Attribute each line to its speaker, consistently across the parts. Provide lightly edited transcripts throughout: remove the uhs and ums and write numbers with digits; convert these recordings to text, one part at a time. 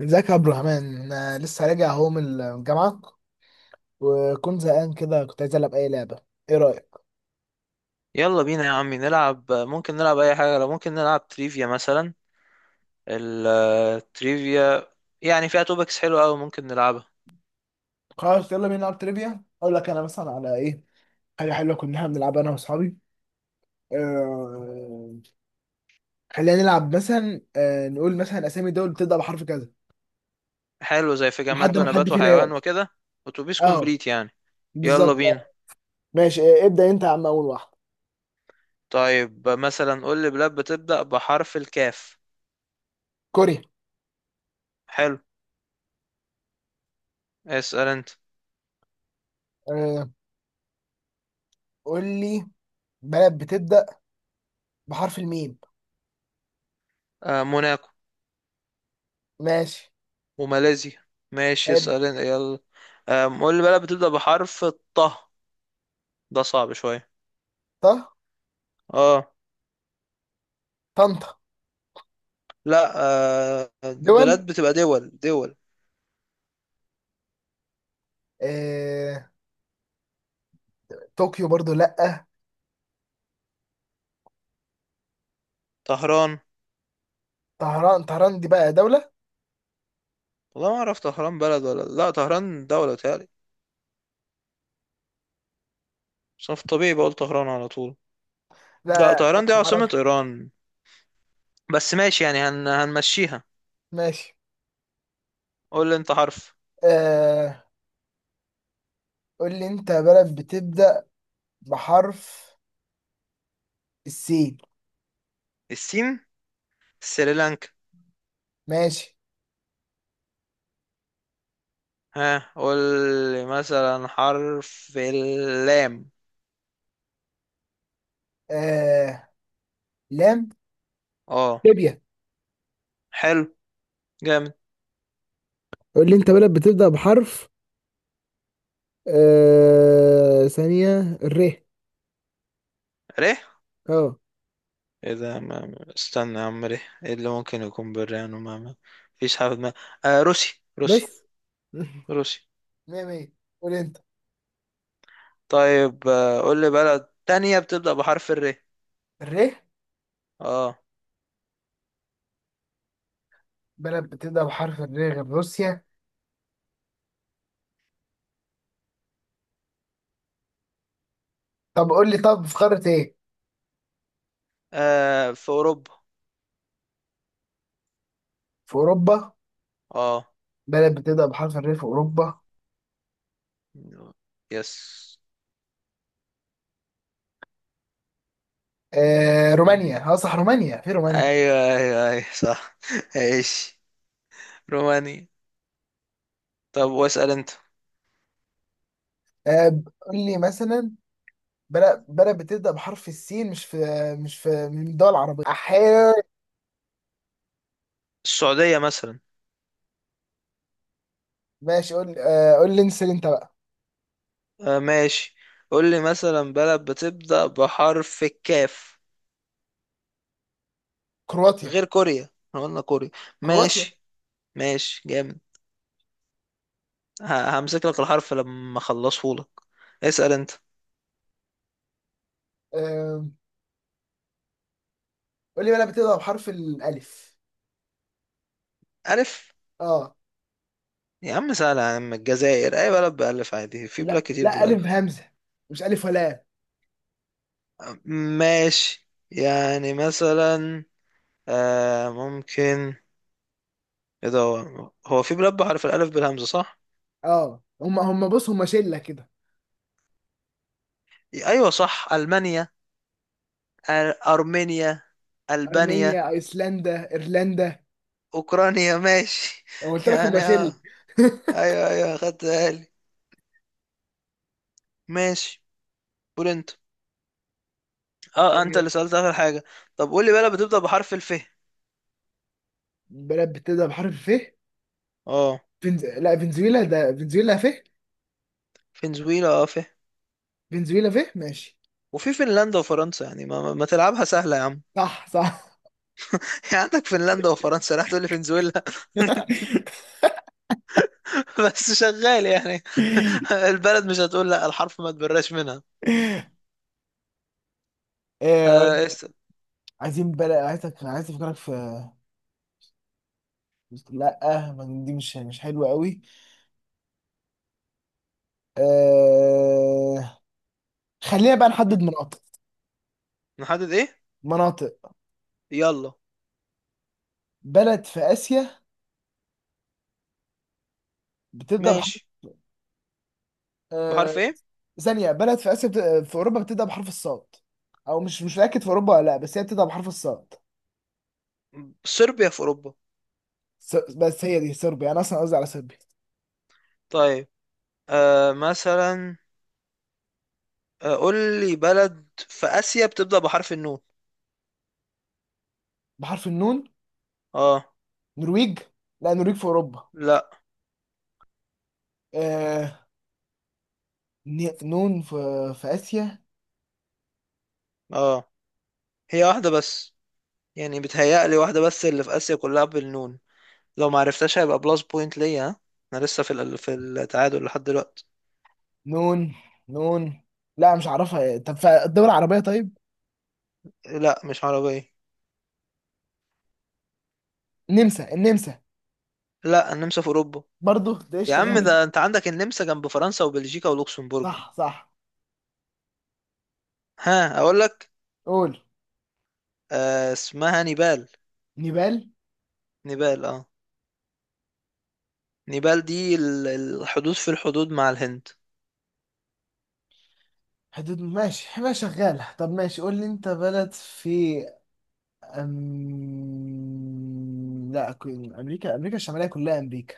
Speaker 1: ازيك يا عبد الرحمن؟ أنا لسه راجع اهو من الجامعة، وكنت زهقان كده، كنت عايز العب اي لعبة. ايه رأيك؟
Speaker 2: يلا بينا يا عمي نلعب، ممكن نلعب اي حاجه. لو ممكن نلعب تريفيا مثلا، التريفيا يعني فيها توبكس حلوه قوي، ممكن نلعبها.
Speaker 1: خلاص يلا بينا نلعب تريفيا. اقول لك انا مثلا على ايه. حاجة حلوة كنا بنلعبها انا واصحابي. آه... خلينا نلعب مثلا نقول مثلا اسامي دول بتبدأ بحرف كذا
Speaker 2: حلو، زي في جماد
Speaker 1: لحد ما حد
Speaker 2: ونبات
Speaker 1: فينا يقعد.
Speaker 2: وحيوان وكده. اتوبيس
Speaker 1: اه،
Speaker 2: كومبليت يعني. يلا
Speaker 1: بالظبط.
Speaker 2: بينا.
Speaker 1: ماشي، ابدأ انت يا عم اول واحد.
Speaker 2: طيب مثلا قول لي بلاد بتبدا بحرف الكاف.
Speaker 1: كوريا.
Speaker 2: حلو. اسال انت.
Speaker 1: آه... قول لي بلد بتبدأ بحرف الميم.
Speaker 2: موناكو.
Speaker 1: ماشي.
Speaker 2: وماليزيا. ماشي،
Speaker 1: حلو.
Speaker 2: اسال انت يلا. قول لي بلاد بتبدا بحرف الطه. ده صعب شويه.
Speaker 1: طه؟
Speaker 2: اه.
Speaker 1: طنطا؟
Speaker 2: لا.
Speaker 1: دول؟
Speaker 2: بلاد بتبقى دول دول.
Speaker 1: آه، طوكيو برضو لأ.
Speaker 2: طهران.
Speaker 1: طهران؟ طهران دي بقى دولة.
Speaker 2: والله ما اعرف طهران بلد ولا لا، طهران دولة تالي. بس انا في الطبيعي بقول طهران على طول. لا،
Speaker 1: لا لا،
Speaker 2: طهران دي عاصمة
Speaker 1: معرفش.
Speaker 2: ايران. بس ماشي يعني هنمشيها.
Speaker 1: ماشي.
Speaker 2: قول لي انت حرف.
Speaker 1: آه قول لي انت بلد بتبدأ بحرف السين.
Speaker 2: السين. سريلانكا.
Speaker 1: ماشي.
Speaker 2: ها، قول لي مثلا حرف اللام.
Speaker 1: آه، لام.
Speaker 2: اه.
Speaker 1: ليبيا.
Speaker 2: حلو، جامد.
Speaker 1: قول لي انت بلد بتبدأ بحرف ثانية، الر.
Speaker 2: ره.
Speaker 1: اه.
Speaker 2: ايه ده ما... استنى يا عم، ره ايه اللي ممكن يكون بالرهان، وما ما فيش حاجة في دماغي. آه، روسي روسي
Speaker 1: بس.
Speaker 2: روسي
Speaker 1: مية مية. قول انت.
Speaker 2: طيب، قول لي بلد تانية بتبدأ بحرف الر.
Speaker 1: الر؟
Speaker 2: اه.
Speaker 1: بلد بتبدأ بحرف الر غير روسيا؟ طب قول لي، طب في قارة ايه؟
Speaker 2: آه في اوروبا.
Speaker 1: في أوروبا؟
Speaker 2: اه.
Speaker 1: بلد بتبدأ بحرف الر في أوروبا؟
Speaker 2: يس.
Speaker 1: آه،
Speaker 2: مم.
Speaker 1: رومانيا، اه صح، رومانيا، في رومانيا.
Speaker 2: ايوه، ايوه، ايوه، صح. ايش. رومانيا. طب واسأل انت.
Speaker 1: آه، قول لي مثلا بلد بتبدأ بحرف السين، مش في مش في من الدول العربية أحيانا.
Speaker 2: السعودية مثلا.
Speaker 1: ماشي، قول، قول لي، انسى انت بقى.
Speaker 2: آه ماشي. قول لي مثلا بلد بتبدأ بحرف الكاف.
Speaker 1: كرواتيا.
Speaker 2: غير كوريا، احنا قلنا كوريا.
Speaker 1: كرواتيا.
Speaker 2: ماشي. ماشي جامد. همسك لك الحرف لما اخلصه لك. اسأل انت.
Speaker 1: آه، قول لي بلد بتبدأ بحرف الألف.
Speaker 2: ألف.
Speaker 1: اه.
Speaker 2: يا عم سهلة يا عم، الجزائر، أي بلد بألف عادي، في بلاد
Speaker 1: لا
Speaker 2: كتير
Speaker 1: لا، ألف
Speaker 2: بالألف.
Speaker 1: بهمزة، مش ألف ولا آب.
Speaker 2: ماشي يعني مثلا. آه ممكن. ايه ده هو في بلاد بحرف الألف بالهمزة صح؟
Speaker 1: اه، هم بص، هم شلة كده.
Speaker 2: أيوة صح ألمانيا. آه، أرمينيا. ألبانيا.
Speaker 1: أرمينيا، أيسلندا، إيرلندا.
Speaker 2: أوكرانيا ماشي،
Speaker 1: أنا قلت لك
Speaker 2: يعني
Speaker 1: هم شلة.
Speaker 2: اه. أيوة أيوة خدت بالي. ماشي. قول أنت. اه أنت
Speaker 1: آه،
Speaker 2: اللي سألت آخر حاجة. طب قول لي بلد بتبدأ بحرف الف.
Speaker 1: بلد بتبدأ بحرف الف.
Speaker 2: اه.
Speaker 1: فنز... لا، فنزويلا، ده فنزويلا، ف
Speaker 2: فنزويلا .
Speaker 1: فنزويلا، فيه. ماشي.
Speaker 2: وفي فنلندا وفرنسا، يعني ما تلعبها سهلة يا عم.
Speaker 1: صح صح.
Speaker 2: يعني عندك فنلندا وفرنسا، راح تقول لي فنزويلا. بس شغال يعني. البلد مش هتقول، لا الحرف ما تبراش منها.
Speaker 1: آه،
Speaker 2: آه است...
Speaker 1: عايزين بلا، عايزك، عايز افكرك في. لا، ما دي مش حلوه قوي. آه... خلينا بقى نحدد مناطق.
Speaker 2: نحدد ايه.
Speaker 1: مناطق.
Speaker 2: يلا.
Speaker 1: بلد في اسيا بتبدا بحرف
Speaker 2: ماشي.
Speaker 1: آه...
Speaker 2: بحرف ايه.
Speaker 1: ثانيه. بلد في اسيا بت... في اوروبا بتبدا بحرف الصاد، او مش متاكد في اوروبا ولا لا، بس هي بتبدا بحرف الصاد.
Speaker 2: صربيا في اوروبا.
Speaker 1: س... بس هي دي صربيا، انا اصلا قصدي على صربيا.
Speaker 2: طيب. مثلا. قول لي بلد في اسيا بتبدأ بحرف النون.
Speaker 1: بحرف النون.
Speaker 2: اه.
Speaker 1: نرويج. لا نرويج في اوروبا.
Speaker 2: لا.
Speaker 1: آه... ن... نون في في اسيا.
Speaker 2: اه. هي واحدة بس، يعني بتهيألي واحدة بس اللي في اسيا كلها بالنون. لو ما عرفتهاش هيبقى بلس بوينت ليا، ها؟ انا لسه في في التعادل لحد دلوقتي.
Speaker 1: نون. نون. لا مش عارفها. طب في الدول العربية طيب؟
Speaker 2: لا مش عربية.
Speaker 1: نمسا، النمسا.
Speaker 2: لا النمسا في اوروبا.
Speaker 1: برضه ده
Speaker 2: يا عم
Speaker 1: اشتغالي.
Speaker 2: ده انت عندك النمسا جنب فرنسا وبلجيكا ولوكسمبورج.
Speaker 1: صح صح.
Speaker 2: ها اقول لك.
Speaker 1: قول.
Speaker 2: آه اسمها نيبال.
Speaker 1: نيبال.
Speaker 2: نيبال اه. نيبال دي الحدود في الحدود مع الهند.
Speaker 1: حدود، ماشي، ما شغالة. طب ماشي، قول لي انت بلد في لا، كو- امريكا، امريكا الشمالية كلها امريكا.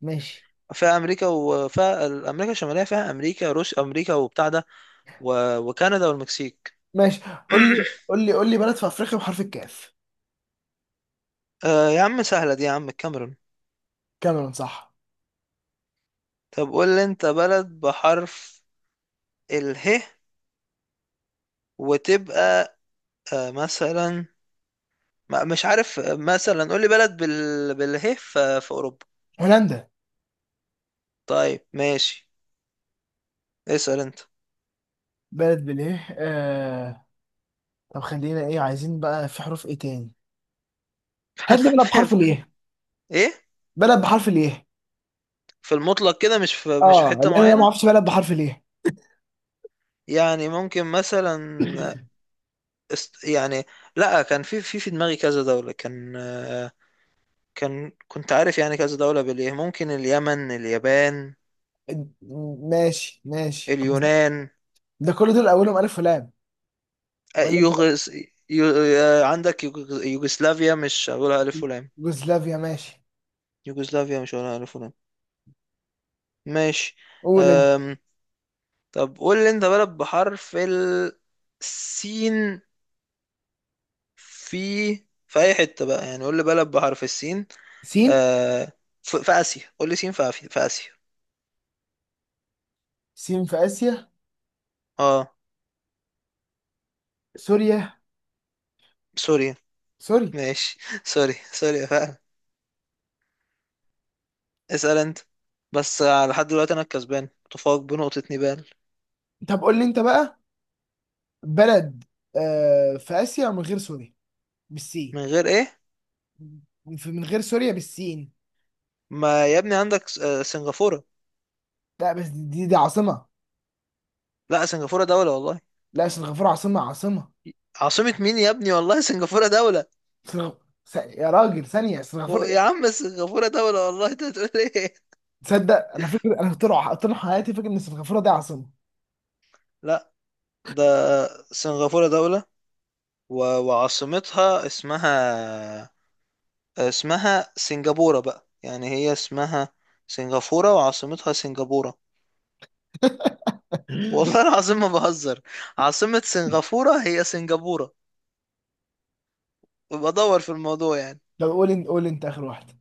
Speaker 1: ماشي.
Speaker 2: فيها امريكا وفيها امريكا الشماليه، فيها امريكا، روس امريكا وبتاع ده. وكندا والمكسيك.
Speaker 1: ماشي. قول لي قول لي قول لي بلد في افريقيا بحرف الكاف.
Speaker 2: آه يا عم سهله دي يا عم، الكاميرون.
Speaker 1: كاميرون صح.
Speaker 2: طب قول لي انت بلد بحرف اله، وتبقى آه مثلا. مش عارف. مثلا قول لي بلد باله في اوروبا.
Speaker 1: هولندا.
Speaker 2: طيب ماشي. اسال انت.
Speaker 1: بلد بالايه؟ طب خلينا ايه، عايزين بقى في حروف ايه تاني. هات لي بلد بحرف الايه.
Speaker 2: ايه.
Speaker 1: بلد بحرف الايه.
Speaker 2: في المطلق كده، مش في
Speaker 1: اه،
Speaker 2: حته
Speaker 1: لان انا ما
Speaker 2: معينه.
Speaker 1: اعرفش بلد بحرف الايه.
Speaker 2: يعني ممكن مثلا. يعني. لا، كان في دماغي كذا دولة، كان آه، كنت عارف، يعني كذا دولة بالإيه، ممكن اليمن، اليابان،
Speaker 1: ماشي ماشي، جوز-.
Speaker 2: اليونان.
Speaker 1: ده كل دول اولهم الف ولام.
Speaker 2: آه،
Speaker 1: ولا مش.
Speaker 2: يوغس عندك يوغسلافيا، مش هقولها ألف ولام.
Speaker 1: يوغوسلافيا. ماشي.
Speaker 2: يوغسلافيا مش هقولها ألف ولام. ماشي.
Speaker 1: قول انت.
Speaker 2: أم... طب قول لي أنت بلد بحرف السين. في في أي حتة بقى، يعني قول لي بلد بحرف السين.
Speaker 1: سين.
Speaker 2: أه... في آسيا، قول لي سين في في آسيا.
Speaker 1: سين في اسيا.
Speaker 2: اه.
Speaker 1: سوريا.
Speaker 2: سوري.
Speaker 1: سوري.
Speaker 2: ماشي، سوري، سوري، فعلا. اسأل انت. بس لحد دلوقتي انا الكسبان، متفوق بنقطة، نيبال.
Speaker 1: طب قول لي انت بقى بلد آه في اسيا من غير سوريا
Speaker 2: من
Speaker 1: بالسين.
Speaker 2: غير ايه.
Speaker 1: في- من غير سوريا بالسين.
Speaker 2: ما يا ابني عندك سنغافورة.
Speaker 1: لا بس دي دي عاصمة.
Speaker 2: لا سنغافورة دولة والله.
Speaker 1: لا، سنغافورة عاصمة، عاصمة.
Speaker 2: عاصمة مين يا ابني، والله سنغافورة دولة.
Speaker 1: سنغ... س... يا راجل، ثانية، سنغافورة.
Speaker 2: يا عم سنغافورة دولة والله، انت بتقول ايه؟
Speaker 1: تصدق انا فاكر، انا طول ع- طول حياتي فاكر ان سنغافورة دي عاصمة.
Speaker 2: لا، ده سنغافورة دولة و... وعاصمتها اسمها، سنغافورة بقى، يعني هي اسمها سنغافورة وعاصمتها سنغافورة. والله العظيم ما بهزر، عاصمة سنغافورة هي سنغافورة. ويبقى دور في الموضوع يعني.
Speaker 1: طب قول انت، قول انت اخر واحده.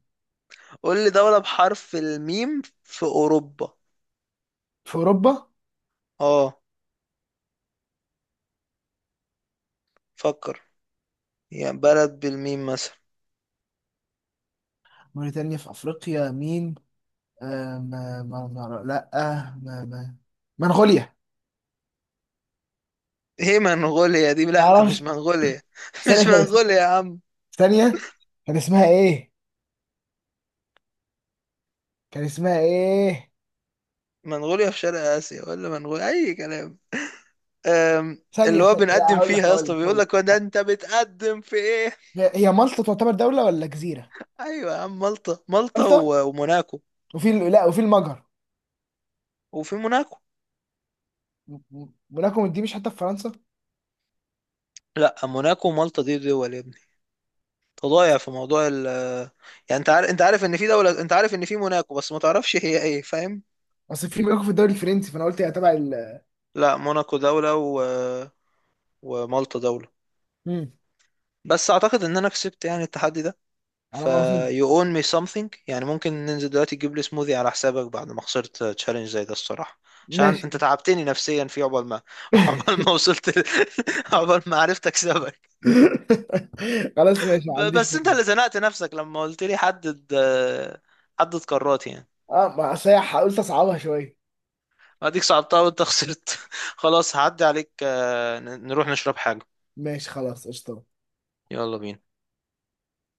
Speaker 2: قول لي دولة بحرف الميم في أوروبا.
Speaker 1: في اوروبا.
Speaker 2: اه. فكر. يعني بلد بالميم مثلا.
Speaker 1: موريتانيا في افريقيا، مين. آه، ما لا، آه، ما ما منغوليا.
Speaker 2: ايه منغوليا دي؟
Speaker 1: ما
Speaker 2: لا مش
Speaker 1: اعرفش.
Speaker 2: منغوليا،
Speaker 1: ثانيه،
Speaker 2: مش
Speaker 1: كانت
Speaker 2: منغوليا يا عم.
Speaker 1: ثانيه، كان اسمها ايه، كان اسمها ايه.
Speaker 2: منغوليا في شرق آسيا ولا منغوليا أي كلام.
Speaker 1: ثانيه
Speaker 2: اللي هو
Speaker 1: ثانيه، لا
Speaker 2: بنقدم
Speaker 1: هقول
Speaker 2: فيها
Speaker 1: لك،
Speaker 2: يا
Speaker 1: هقول
Speaker 2: اسطى
Speaker 1: لك،
Speaker 2: بيقول
Speaker 1: هقول
Speaker 2: لك، هو
Speaker 1: لك.
Speaker 2: ده انت بتقدم في ايه؟
Speaker 1: هي هي مالطا، تعتبر دوله ولا جزيره؟
Speaker 2: ايوه يا عم، مالطا مالطا
Speaker 1: مالطا.
Speaker 2: وموناكو.
Speaker 1: وفي ال- لا، وفي المجر.
Speaker 2: وفي موناكو.
Speaker 1: م- م- موناكو دي مش حتى في فرنسا؟
Speaker 2: لا موناكو ومالطا دي دول يا ابني. تضايع في موضوع ال. يعني انت عارف، انت عارف ان في دولة، انت عارف ان في موناكو، بس ما تعرفش هي ايه، فاهم.
Speaker 1: اصل في موناكو في الدوري الفرنسي، فانا قلت هي تبع ال.
Speaker 2: لا موناكو دولة و... ومالطا دولة.
Speaker 1: مم،
Speaker 2: بس اعتقد ان انا كسبت يعني التحدي ده.
Speaker 1: على
Speaker 2: ف
Speaker 1: ما اظن.
Speaker 2: you own me something، يعني ممكن ننزل دلوقتي تجيب لي سموذي على حسابك بعد ما خسرت تشالنج زي ده الصراحة. عشان
Speaker 1: ماشي.
Speaker 2: انت تعبتني نفسيا، في عقبال ما عقبال ما وصلت عقبال ما عرفت اكسبك.
Speaker 1: خلاص ماشي، ما عنديش
Speaker 2: بس
Speaker 1: مانع.
Speaker 2: انت اللي زنقت نفسك لما قلت لي حدد. حدد قارات يعني.
Speaker 1: اه، ما أصل هي هقول تصعبها شويه.
Speaker 2: اديك صعبتها وانت خسرت. خلاص هعدي عليك، نروح نشرب حاجة.
Speaker 1: ماشي، خلاص، قشطه.
Speaker 2: يلا بينا.